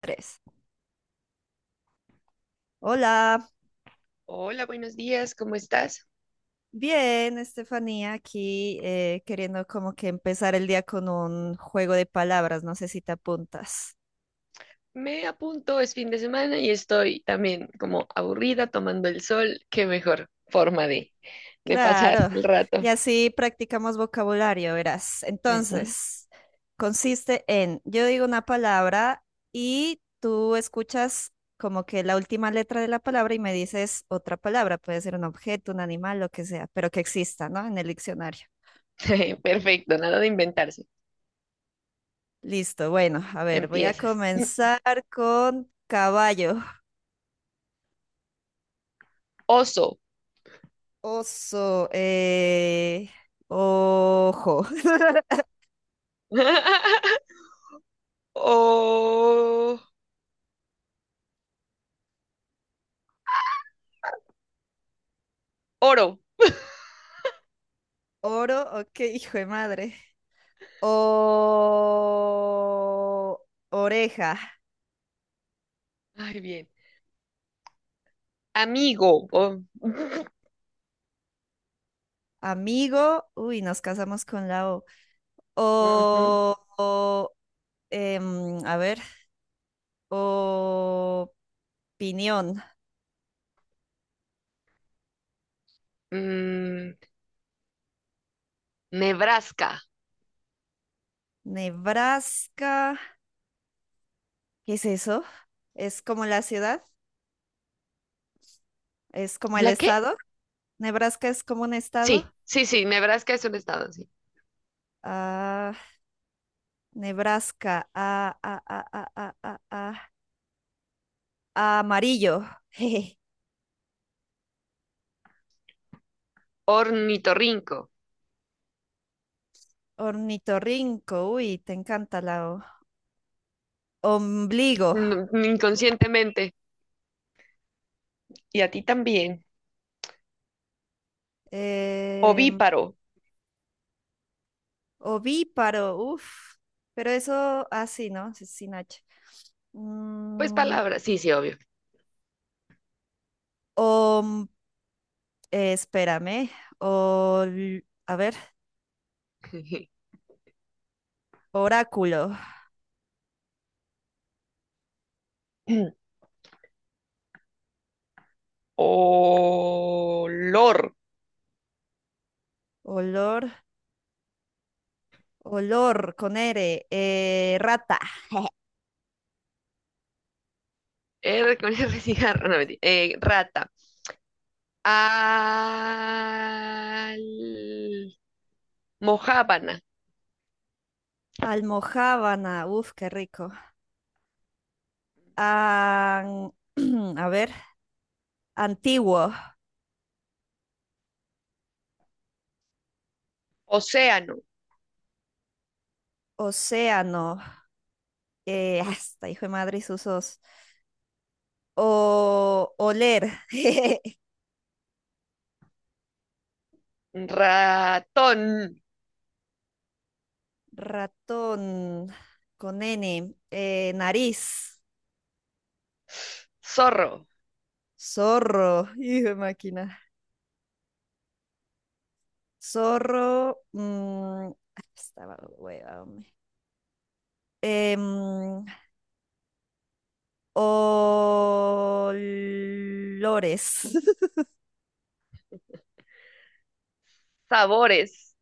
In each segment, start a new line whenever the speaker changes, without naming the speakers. Tres. Hola,
Hola, buenos días, ¿cómo estás?
bien, Estefanía, aquí queriendo como que empezar el día con un juego de palabras, no sé si te apuntas.
Me apunto, es fin de semana y estoy también como aburrida tomando el sol. Qué mejor forma de pasar
Claro,
el
y
rato.
así practicamos vocabulario, verás.
Ujú.
Entonces, consiste en, yo digo una palabra y tú escuchas como que la última letra de la palabra y me dices otra palabra, puede ser un objeto, un animal, lo que sea, pero que exista, ¿no? En el diccionario.
Perfecto, nada de inventarse.
Listo, bueno, a ver, voy a
Empiezas.
comenzar con caballo,
Oso.
oso, ojo,
O... Oro.
oro, ok, hijo de madre, o oreja,
Ay, bien. Amigo. O-
amigo, uy, nos casamos con la O,
Ujú.
o, a ver, opinión,
Mm, Nebraska.
Nebraska, ¿qué es eso? ¿Es como la ciudad? ¿Es como el
¿La qué?
estado? Nebraska es como un estado.
Sí, sí, sí, Nebraska es un estado, sí.
Ah, Nebraska. Ah, ah, ah, ah, ah, ah, ah, ah, Amarillo. Jeje.
Ornitorrinco.
Ornitorrinco. Uy, te encanta la O. Ombligo.
No, inconscientemente. Y a ti también.
Eh,
Ovíparo.
ovíparo. Uf. Pero eso así, ¿no? Sí, sin H.
Pues
Mm,
palabras, sí, sí, obvio.
om- espérame. A ver. Oráculo.
Olor.
Olor. Olor con R. Rata.
R con R cigarro, no, mentira. Rata. Al... Mojábana.
Almojábana, uf, qué rico. An- a ver, antiguo,
Océano.
océano, hasta hijo de madre y usos. O oler,
Ratón.
ratón, con N, nariz,
Zorro.
zorro, hijo de máquina. Zorro, mm, ah, estaba hueva, hombre. Em, olores,
Sabores.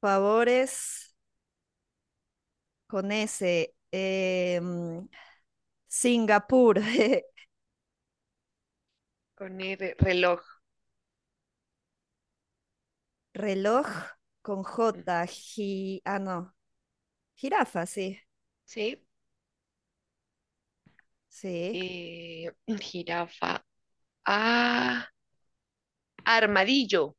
favores, con ese. Singapur,
Con R, reloj.
reloj con
Mm,
J, ah, no, jirafa, sí,
¿sí?
sí.
Eh, jirafa. Ah, armadillo.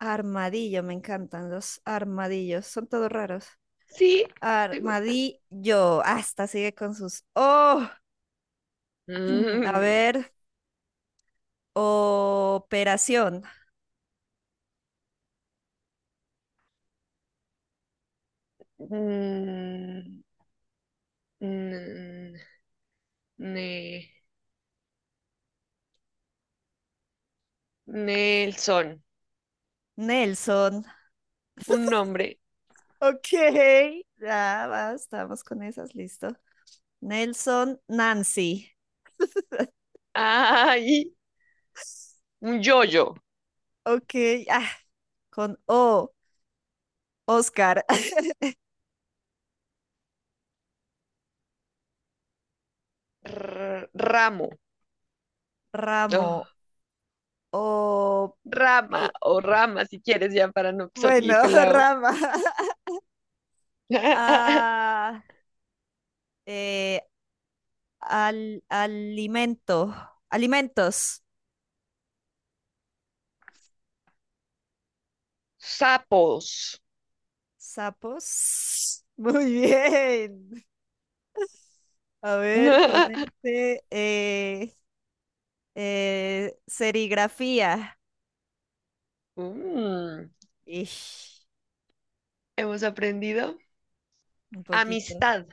Armadillo, me encantan los armadillos, son todos raros.
Sí, ¿te gustan?
Armadillo, hasta sigue con sus... Oh, a
Mm,
ver, operación,
mm, mm, ne- Nelson,
Nelson.
un nombre.
Ok, ya va, estamos con esas, listo. Nelson, Nancy.
Ay, un yoyo.
Ok, ah, con O. Oscar,
Ramo.
ramo
Ah,
o
rama
pi-
o rama, si quieres, ya para no
bueno,
salir pelado.
rama. Ah, eh, alimento, alimentos,
Sapos.
sapos. Muy bien. A ver, con este, serigrafía.
Mm,
Ish,
hemos aprendido
un poquito.
amistad.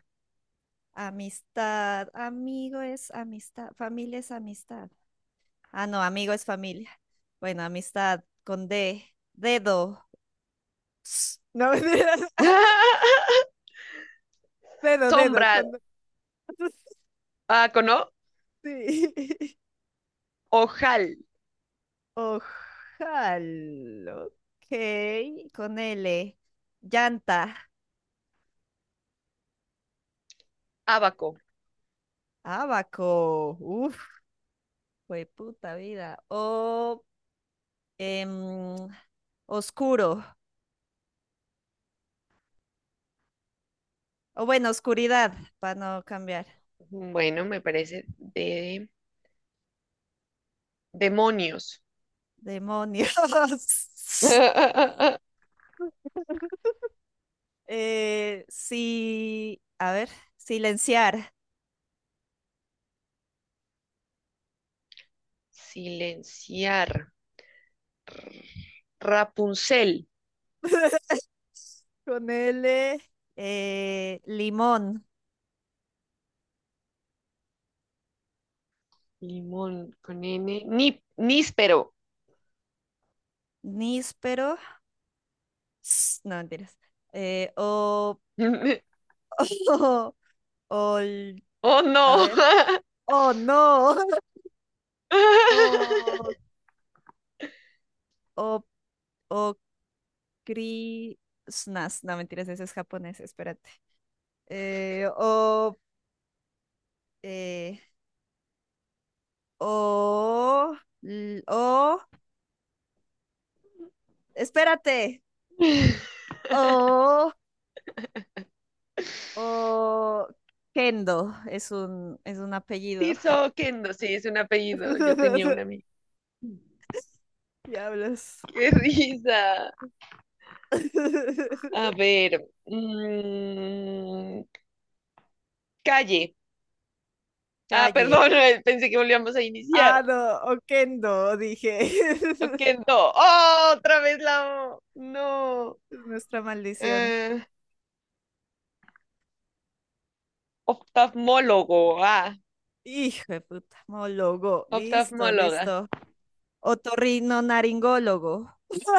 Amistad, amigo es amistad, familia es amistad. Ah, no, amigo es familia. Bueno, amistad con D. Dedo. Ps, no, mentiras. Dedo,
Sombra.
con...
Ah, ¿cono?
Sí.
Ojal,
Ojalá. Ok, con L. Llanta.
Abaco.
Abaco. Uf, fue puta vida. O em, oscuro. O bueno, oscuridad, para no cambiar.
Bueno, me parece de demonios.
Demonios. Sí, a ver, silenciar.
Silenciar. Rapunzel.
Con L, limón,
Limón con N. Ni, níspero.
níspero, no mentiras, o, o, ol-
Oh,
a ver,
no.
oh no, o, o, o, cri- snas, no mentiras, ese es japonés, espérate. Eh, o, eh, o, o, espérate, o, o, Kendo, es un apellido.
Tirso Kendo. Sí, es un apellido. Yo tenía un amigo.
Diablos.
Qué risa. A ver. Calle. Ah,
Calle.
perdón, pensé que volvíamos a
Ah,
iniciar.
no, Oquendo, dije.
Ok, no. ¡Oh! Otra vez la O. No.
Es nuestra maldición.
Eh, oftalmólogo. Ah,
Hijo de puta, mólogo. Listo,
oftalmóloga.
listo. Otorrinolaringólogo. Hijo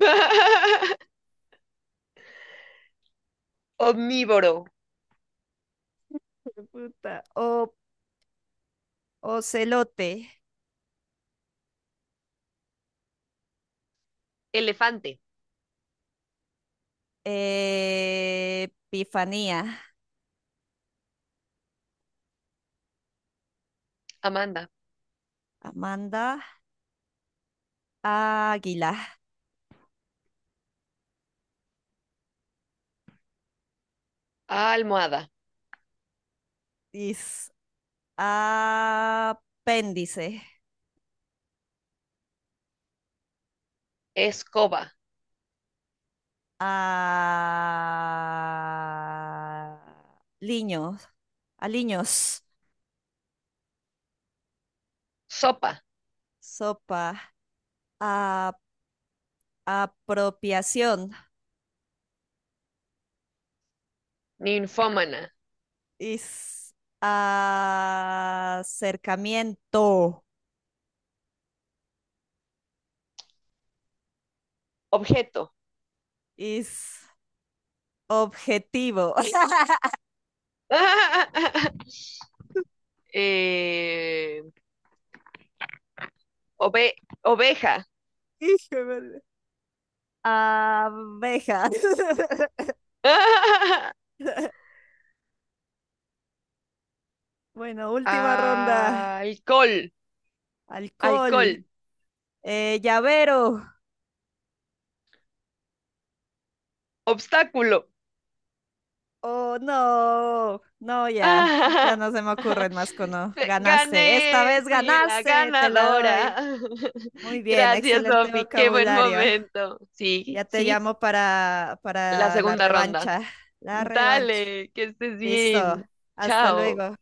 Omnívoro.
de puta. O, ocelote.
Elefante.
Eh, Epifanía.
Amanda.
Amanda. Águila.
Almohada.
Is, apéndice,
Escoba.
a liños, a liños,
Sopa.
sopa, a apropiación,
Ninfómana.
is acercamiento,
Objeto.
is objetivo.
Eh, ove- oveja.
Hijo de madre. Abejas. Bueno, última ronda.
Alcohol. Alcohol.
Alcohol, llavero,
Obstáculo.
oh, no, no, ya, ya
¡Ah!
no se me ocurren más cono. Ganaste, esta
Gané,
vez
fui la
ganaste, te la
ganadora.
doy. Muy bien,
Gracias,
excelente
Sofi, qué buen
vocabulario.
momento.
Ya
Sí,
te
sí,
llamo
la
para la
segunda ronda.
revancha. La revancha.
Dale, que estés
Listo,
bien.
hasta
Chao.
luego.